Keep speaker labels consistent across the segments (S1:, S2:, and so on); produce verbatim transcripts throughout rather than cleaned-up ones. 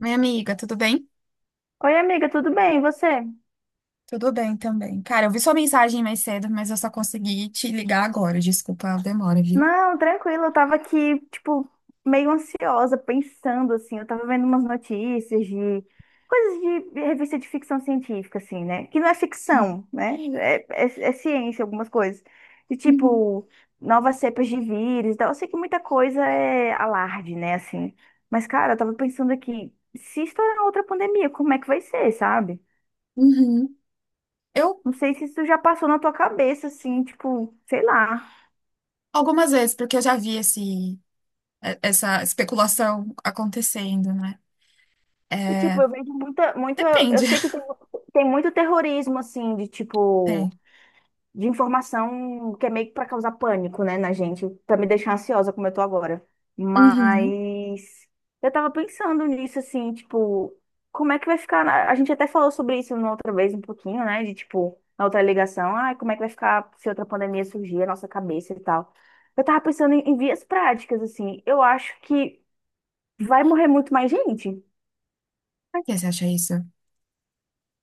S1: Minha amiga, tudo bem?
S2: Oi, amiga, tudo bem? E você?
S1: Tudo bem também. Cara, eu vi sua mensagem mais cedo, mas eu só consegui te ligar agora. Desculpa a demora, viu?
S2: Não, tranquilo, eu tava aqui, tipo, meio ansiosa, pensando, assim, eu tava vendo umas notícias de coisas de revista de ficção científica, assim, né? Que não é ficção, né? É, é- é ciência, algumas coisas. De
S1: Uhum.
S2: tipo, novas cepas de vírus e tal. Eu sei que muita coisa é alarde, né, assim. Mas, cara, eu tava pensando aqui, se estourar outra pandemia, como é que vai ser, sabe?
S1: Uhum. Eu,
S2: Não sei se isso já passou na tua cabeça, assim, tipo, sei lá.
S1: algumas vezes, porque eu já vi esse, eh, essa especulação acontecendo, né?
S2: E, tipo,
S1: É,
S2: eu vejo muita, muito, eu
S1: depende.
S2: sei que tem, tem muito terrorismo, assim, de,
S1: Tem.
S2: tipo, de informação que é meio que pra causar pânico, né, na gente, pra me deixar ansiosa como eu tô agora.
S1: Uhum.
S2: Mas eu tava pensando nisso, assim, tipo, como é que vai ficar, na- a gente até falou sobre isso na outra vez um pouquinho, né, de, tipo, na outra ligação, ai, como é que vai ficar se outra pandemia surgir, a nossa cabeça e tal. Eu tava pensando em, em vias práticas, assim, eu acho que vai morrer muito mais gente.
S1: Por que você acha isso?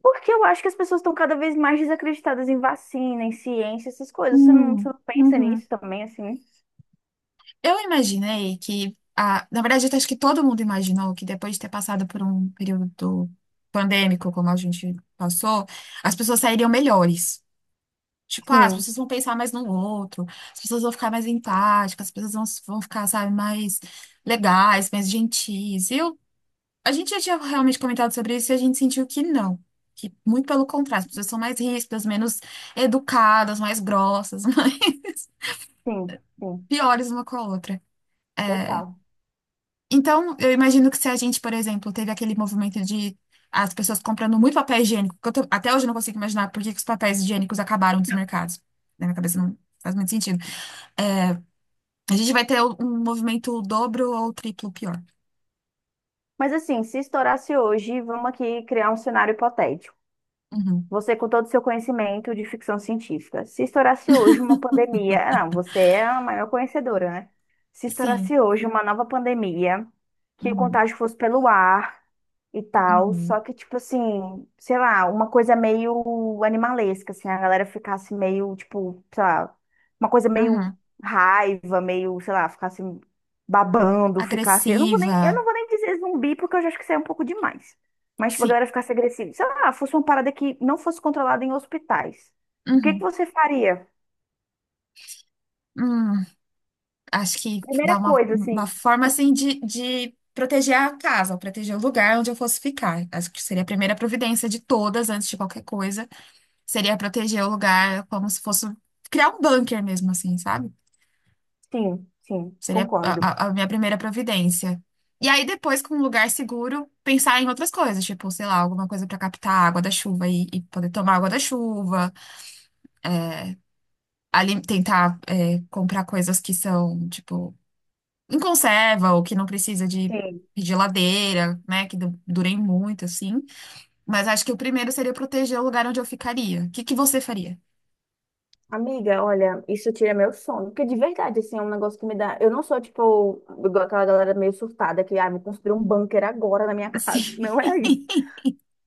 S2: Porque eu acho que as pessoas estão cada vez mais desacreditadas em vacina, em ciência, essas coisas. Você não, você
S1: Hum,
S2: não pensa
S1: uhum.
S2: nisso também, assim?
S1: Eu imaginei que, ah, na verdade, acho que todo mundo imaginou que depois de ter passado por um período pandêmico, como a gente passou, as pessoas sairiam melhores. Tipo, ah, as
S2: Sim,
S1: pessoas vão pensar mais no outro, as pessoas vão ficar mais empáticas, as pessoas vão, vão ficar, sabe, mais legais, mais gentis. Eu, a gente já tinha realmente comentado sobre isso e a gente sentiu que não. Que muito pelo contrário, as pessoas são mais ríspidas, menos educadas, mais grossas, mais
S2: sim, sim,
S1: piores uma com a outra.
S2: total.
S1: Então, eu imagino que se a gente, por exemplo, teve aquele movimento de as pessoas comprando muito papel higiênico, que eu tô- até hoje eu não consigo imaginar por que que os papéis higiênicos acabaram dos mercados. Na minha cabeça não faz muito sentido. A gente vai ter um movimento dobro ou triplo pior.
S2: Mas assim, se estourasse hoje, vamos aqui criar um cenário hipotético.
S1: Uhum.
S2: Você, com todo o seu conhecimento de ficção científica, se estourasse hoje uma pandemia, ah, não, você é a maior conhecedora, né? Se
S1: Sim.
S2: estourasse hoje uma nova pandemia, que o
S1: Uhum.
S2: contágio fosse pelo ar e tal, só
S1: Uhum.
S2: que, tipo assim, sei lá, uma coisa meio animalesca, assim, a galera ficasse meio, tipo, sei lá, uma coisa meio
S1: Uhum.
S2: raiva, meio, sei lá, ficasse babando, ficasse. Eu não vou nem, eu
S1: Agressiva.
S2: não vou nem dizer zumbi, porque eu já acho que isso é um pouco demais. Mas, tipo, a
S1: Sim.
S2: galera ficasse agressiva. Sei lá, fosse uma parada que não fosse controlada em hospitais. O que que
S1: Uhum.
S2: você faria?
S1: Hum. Acho que dá
S2: Primeira
S1: uma,
S2: coisa,
S1: uma
S2: assim.
S1: forma assim de, de proteger a casa, ou proteger o lugar onde eu fosse ficar. Acho que seria a primeira providência de todas, antes de qualquer coisa, seria proteger o lugar como se fosse criar um bunker mesmo, assim, sabe?
S2: Sim, sim,
S1: Seria a,
S2: concordo.
S1: a- a minha primeira providência. E aí, depois, com um lugar seguro, pensar em outras coisas, tipo, sei lá, alguma coisa para captar a água da chuva e, e poder tomar água da chuva, ali tentar é, comprar coisas que são, tipo, em conserva ou que não precisa de
S2: Sim.
S1: geladeira, né, que du- durem muito, assim. Mas acho que o primeiro seria proteger o lugar onde eu ficaria. O que que você faria?
S2: Amiga, olha, isso tira meu sono. Porque de verdade, assim, é um negócio que me dá. Eu não sou, tipo, igual aquela galera meio surtada que, ah, vou construir um bunker agora na minha casa.
S1: Sim.
S2: Não é isso.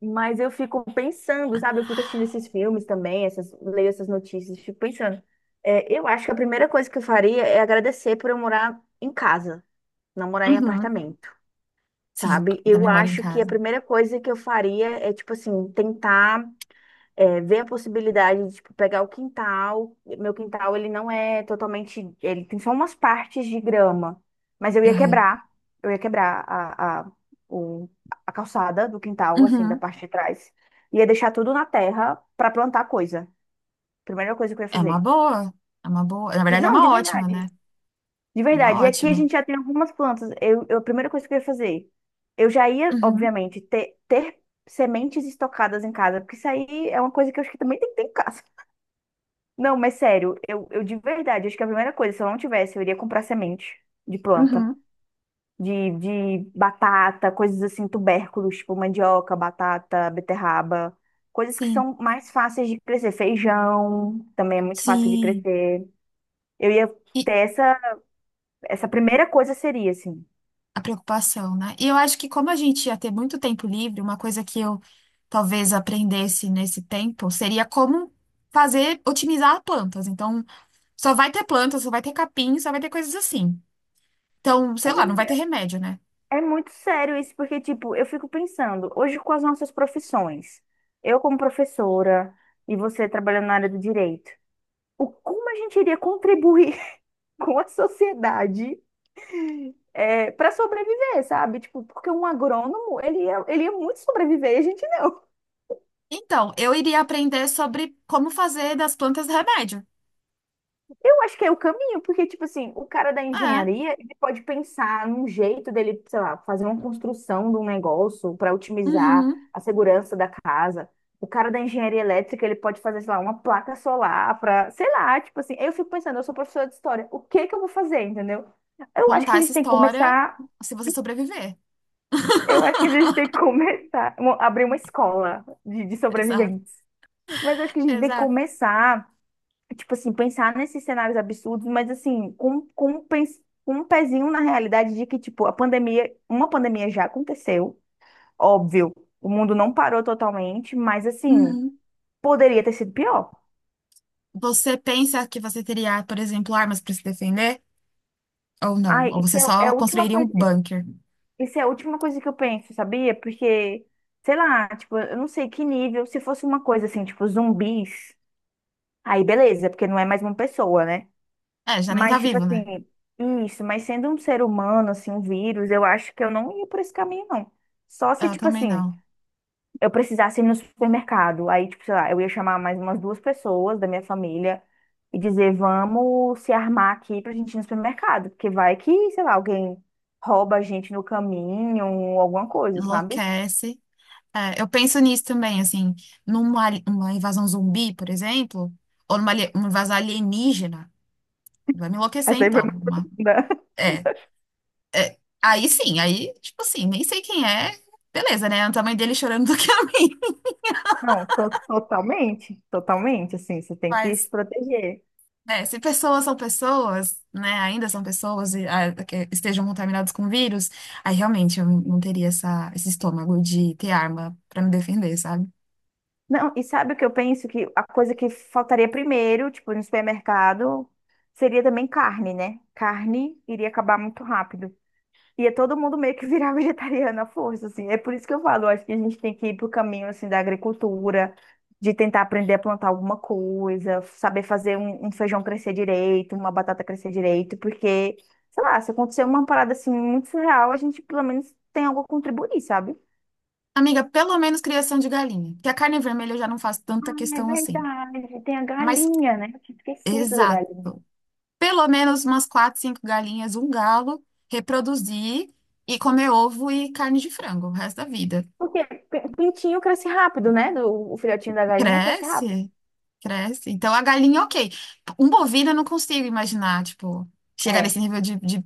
S2: Mas eu fico pensando, sabe? Eu fico assistindo esses filmes também, essas leio essas notícias, fico pensando. É, eu acho que a primeira coisa que eu faria é agradecer por eu morar em casa, não morar em
S1: Uhum.
S2: apartamento,
S1: Sim,
S2: sabe? Eu
S1: também moro em
S2: acho que a
S1: casa.
S2: primeira coisa que eu faria é, tipo assim, tentar é, ver a possibilidade de, tipo, pegar o quintal. Meu quintal, ele não é totalmente. Ele tem só umas partes de grama, mas eu ia
S1: Uhum.
S2: quebrar, eu ia quebrar a, a, o, a calçada do quintal, assim, da
S1: Uhum.
S2: parte de trás. Ia deixar tudo na terra pra plantar coisa. Primeira coisa que eu ia
S1: É uma
S2: fazer.
S1: boa. É uma boa. Na
S2: De-
S1: verdade, é
S2: não, de
S1: uma ótima, né?
S2: verdade. De
S1: É uma
S2: verdade. E aqui a
S1: ótima.
S2: gente já tem algumas plantas. Eu, eu- a primeira coisa que eu ia fazer, eu já ia,
S1: Uhum,
S2: obviamente, ter, ter sementes estocadas em casa, porque isso aí é uma coisa que eu acho que também tem que ter em casa. Não, mas sério, eu, eu de verdade, acho que a primeira coisa, se eu não tivesse, eu iria comprar semente de planta,
S1: uhum,
S2: de, de batata, coisas assim, tubérculos, tipo mandioca, batata, beterraba, coisas que
S1: sim,
S2: são mais fáceis de crescer. Feijão também é muito fácil de
S1: sim.
S2: crescer. Eu ia
S1: E
S2: ter essa, essa primeira coisa seria assim.
S1: a preocupação, né? E eu acho que como a gente ia ter muito tempo livre, uma coisa que eu talvez aprendesse nesse tempo seria como fazer, otimizar plantas. Então, só vai ter plantas, só vai ter capim, só vai ter coisas assim. Então, sei
S2: Mas é
S1: lá, não vai ter remédio, né?
S2: é muito sério isso, porque, tipo, eu fico pensando, hoje com as nossas profissões, eu como professora e você trabalhando na área do direito, o como a gente iria contribuir com a sociedade para sobreviver, sabe? Tipo, porque um agrônomo, ele ia, ele ia muito sobreviver e a gente não.
S1: Então, eu iria aprender sobre como fazer das plantas remédio.
S2: Eu acho que é o caminho, porque, tipo assim, o cara da
S1: É,
S2: engenharia, ele pode pensar num jeito dele, sei lá, fazer uma construção de um negócio para otimizar
S1: uhum.
S2: a segurança da casa. O cara da engenharia elétrica, ele pode fazer, sei lá, uma placa solar para, sei lá, tipo assim, eu fico pensando, eu sou professora de história, o que que eu vou fazer, entendeu? Eu acho que
S1: Contar
S2: a
S1: essa
S2: gente tem que
S1: história
S2: começar,
S1: se você sobreviver.
S2: eu acho que a gente tem que começar, mo- abrir uma escola de, de
S1: Exato,
S2: sobreviventes. Mas eu acho que a gente tem que
S1: exato.
S2: começar tipo assim, pensar nesses cenários absurdos, mas assim, com, com, um pens- com um pezinho na realidade de que, tipo, a pandemia, uma pandemia já aconteceu, óbvio, o mundo não parou totalmente, mas assim,
S1: Uhum.
S2: poderia ter sido pior.
S1: Você pensa que você teria, por exemplo, armas para se defender? Ou não?
S2: Ai,
S1: Ou
S2: isso
S1: você
S2: é, é
S1: só
S2: a última
S1: construiria um
S2: coisa,
S1: bunker?
S2: isso é a última coisa que eu penso, sabia? Porque, sei lá, tipo, eu não sei que nível, se fosse uma coisa assim, tipo, zumbis, aí beleza, porque não é mais uma pessoa, né?
S1: É, já nem tá
S2: Mas, tipo
S1: vivo, né?
S2: assim, isso, mas sendo um ser humano, assim, um vírus, eu acho que eu não ia por esse caminho, não. Só
S1: É,
S2: se,
S1: eu
S2: tipo
S1: também
S2: assim,
S1: não.
S2: eu precisasse ir no supermercado. Aí, tipo, sei lá, eu ia chamar mais umas duas pessoas da minha família e dizer, vamos se armar aqui pra gente ir no supermercado. Porque vai que, sei lá, alguém rouba a gente no caminho ou alguma coisa, sabe?
S1: Enlouquece. É, eu penso nisso também, assim, numa ali- uma invasão zumbi, por exemplo, ou numa ali- uma invasão alienígena. Vai me enlouquecer,
S2: Essa aí foi
S1: então.
S2: muito
S1: Uma-
S2: profunda.
S1: é, é. Aí sim, aí, tipo assim, nem sei quem é. Beleza, né? É o tamanho dele chorando do que a mim.
S2: Não, to- totalmente, totalmente, assim, você tem que se
S1: Mas
S2: proteger.
S1: é, se pessoas são pessoas, né, ainda são pessoas e ah, que estejam contaminadas com vírus, aí realmente eu não teria essa, esse estômago de ter arma pra me defender, sabe?
S2: Não, e sabe o que eu penso? Que a coisa que faltaria primeiro, tipo, no supermercado, seria também carne, né? Carne iria acabar muito rápido. Ia todo mundo meio que virar vegetariano à força, assim. É por isso que eu falo, eu acho que a gente tem que ir pro caminho, assim, da agricultura, de tentar aprender a plantar alguma coisa, saber fazer um, um feijão crescer direito, uma batata crescer direito, porque, sei lá, se acontecer uma parada, assim, muito surreal, a gente pelo menos tem algo a contribuir, sabe?
S1: Amiga, pelo menos criação de galinha, que a carne vermelha eu já não faço tanta
S2: É
S1: questão assim.
S2: verdade, tem a
S1: Mas,
S2: galinha, né? Eu tinha esquecido da galinha.
S1: exato, pelo menos umas quatro, cinco galinhas, um galo, reproduzir e comer ovo e carne de frango o resto da vida.
S2: Porque p- pintinho cresce rápido, né? Do- o filhotinho da galinha cresce rápido.
S1: Cresce. Cresce. Então a galinha, ok. Um bovino eu não consigo imaginar, tipo, chegar nesse
S2: É.
S1: nível de, de-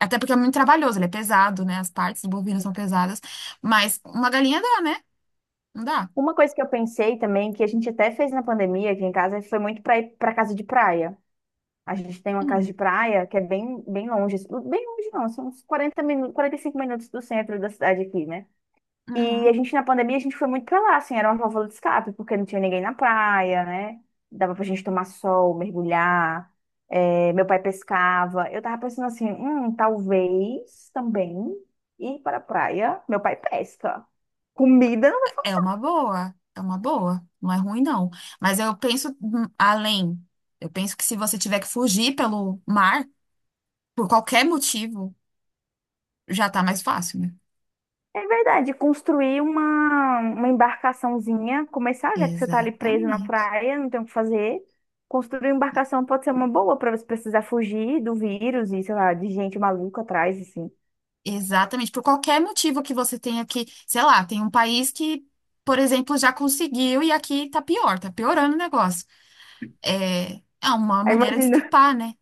S1: Até porque é muito trabalhoso, ele é pesado, né? As partes do bovino são pesadas. Mas uma galinha dá, né? Não dá?
S2: Uma coisa que eu pensei também, que a gente até fez na pandemia aqui em casa, foi muito para ir para casa de praia. A gente tem uma casa de
S1: Hum,
S2: praia que é bem, bem longe, bem longe não, são uns quarenta minutos, quarenta e cinco minutos do centro da cidade aqui, né? E a
S1: uhum.
S2: gente, na pandemia, a gente foi muito pra lá, assim, era uma válvula de escape, porque não tinha ninguém na praia, né? Dava pra gente tomar sol, mergulhar, é, meu pai pescava. Eu tava pensando assim, hum, talvez também ir para a praia, meu pai pesca. Comida não vai
S1: É
S2: faltar.
S1: uma boa, é uma boa. Não é ruim, não. Mas eu penso hum, além. Eu penso que se você tiver que fugir pelo mar, por qualquer motivo, já tá mais fácil, né?
S2: É verdade, construir uma, uma embarcaçãozinha, começar, já que você tá ali preso na
S1: Exatamente.
S2: praia, não tem o que fazer. Construir uma embarcação pode ser uma boa pra você precisar fugir do vírus e, sei lá, de gente maluca atrás, assim.
S1: Exatamente, por qualquer motivo que você tenha que, sei lá, tem um país que, por exemplo, já conseguiu e aqui tá pior, tá piorando o negócio. É, é uma
S2: Aí
S1: maneira de
S2: imagina.
S1: escapar, né?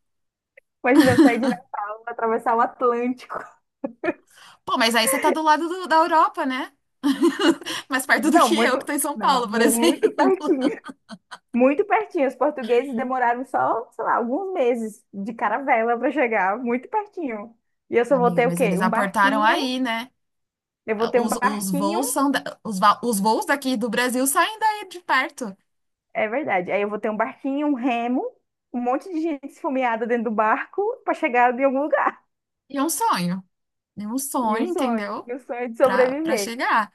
S2: Imagina eu sair de Natal, atravessar o Atlântico.
S1: Pô, mas aí você tá do lado do- da Europa, né? Mais perto do
S2: Não,
S1: que eu, que
S2: muito,
S1: tô em São
S2: não,
S1: Paulo, por
S2: muito
S1: exemplo.
S2: pertinho. Muito pertinho. Os portugueses demoraram só, sei lá, alguns meses de caravela para chegar, muito pertinho. E eu só vou
S1: Amiga,
S2: ter o
S1: mas
S2: quê?
S1: eles
S2: Um
S1: aportaram
S2: barquinho.
S1: aí, né?
S2: Eu vou ter um
S1: Os, os
S2: barquinho,
S1: voos são da- os, va- os voos daqui do Brasil saem daí de perto.
S2: é verdade. Aí eu vou ter um barquinho, um remo, um monte de gente esfomeada dentro do barco para chegar em algum lugar.
S1: E é um sonho. É um
S2: E um
S1: sonho,
S2: sonho,
S1: entendeu?
S2: e um sonho de
S1: Pra, pra
S2: sobreviver.
S1: chegar.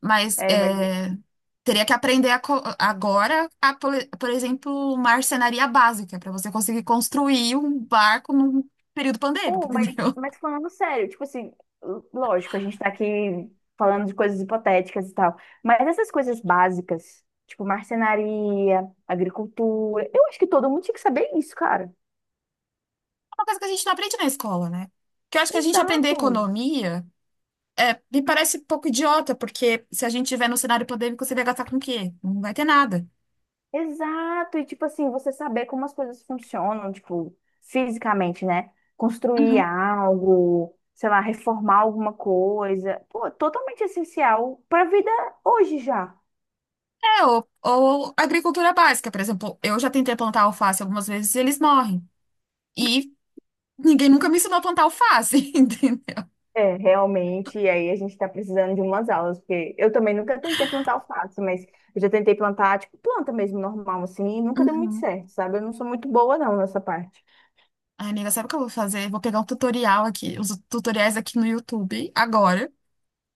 S1: Mas
S2: É, mas
S1: é, teria que aprender a co- agora, a, por, por exemplo, marcenaria básica, para você conseguir construir um barco num período pandêmico,
S2: Oh, mas,
S1: entendeu?
S2: mas
S1: É
S2: falando sério, tipo assim, l- lógico, a gente tá aqui falando de coisas hipotéticas e tal, mas essas coisas básicas, tipo marcenaria, agricultura, eu acho que todo mundo tinha que saber isso, cara.
S1: uma coisa que a gente não aprende na escola, né? Que eu acho que a gente aprender
S2: Exato,
S1: economia é, me parece um pouco idiota, porque se a gente tiver no cenário pandêmico, você vai gastar com o quê? Não vai ter nada.
S2: exato. E tipo assim, você saber como as coisas funcionam, tipo, fisicamente, né? Construir
S1: Uhum.
S2: algo, sei lá, reformar alguma coisa. Pô, totalmente essencial pra vida hoje já.
S1: É, ou, ou agricultura básica, por exemplo, eu já tentei plantar alface algumas vezes e eles morrem. E ninguém nunca me ensinou a plantar alface, entendeu?
S2: É, realmente, e aí a gente está precisando de umas aulas, porque eu também nunca tentei plantar alface, mas eu já tentei plantar, tipo, planta mesmo, normal, assim, e nunca deu muito
S1: Uhum.
S2: certo, sabe? Eu não sou muito boa, não, nessa parte.
S1: Ai, amiga, sabe o que eu vou fazer? Vou pegar um tutorial aqui, os tutoriais aqui no YouTube agora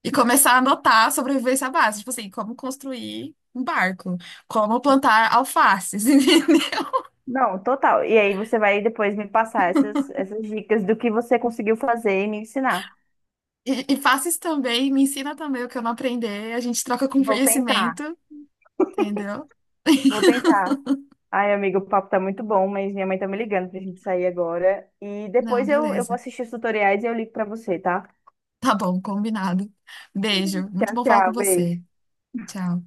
S1: e começar a anotar sobrevivência básica, tipo assim, como construir um barco, como plantar alfaces, entendeu?
S2: Não, total. E aí você vai depois me passar essas, essas dicas do que você conseguiu fazer e me ensinar.
S1: E, e faces também, me ensina também o que eu não aprender, a gente troca com
S2: Vou tentar,
S1: conhecimento, entendeu?
S2: vou tentar. Ai, amigo, o papo tá muito bom, mas minha mãe tá me ligando pra gente sair agora. E
S1: Não,
S2: depois eu, eu vou
S1: beleza.
S2: assistir os tutoriais e eu ligo pra você, tá?
S1: Tá bom, combinado. Beijo, muito
S2: Tchau,
S1: bom falar com
S2: tchau,
S1: você.
S2: beijo.
S1: Tchau.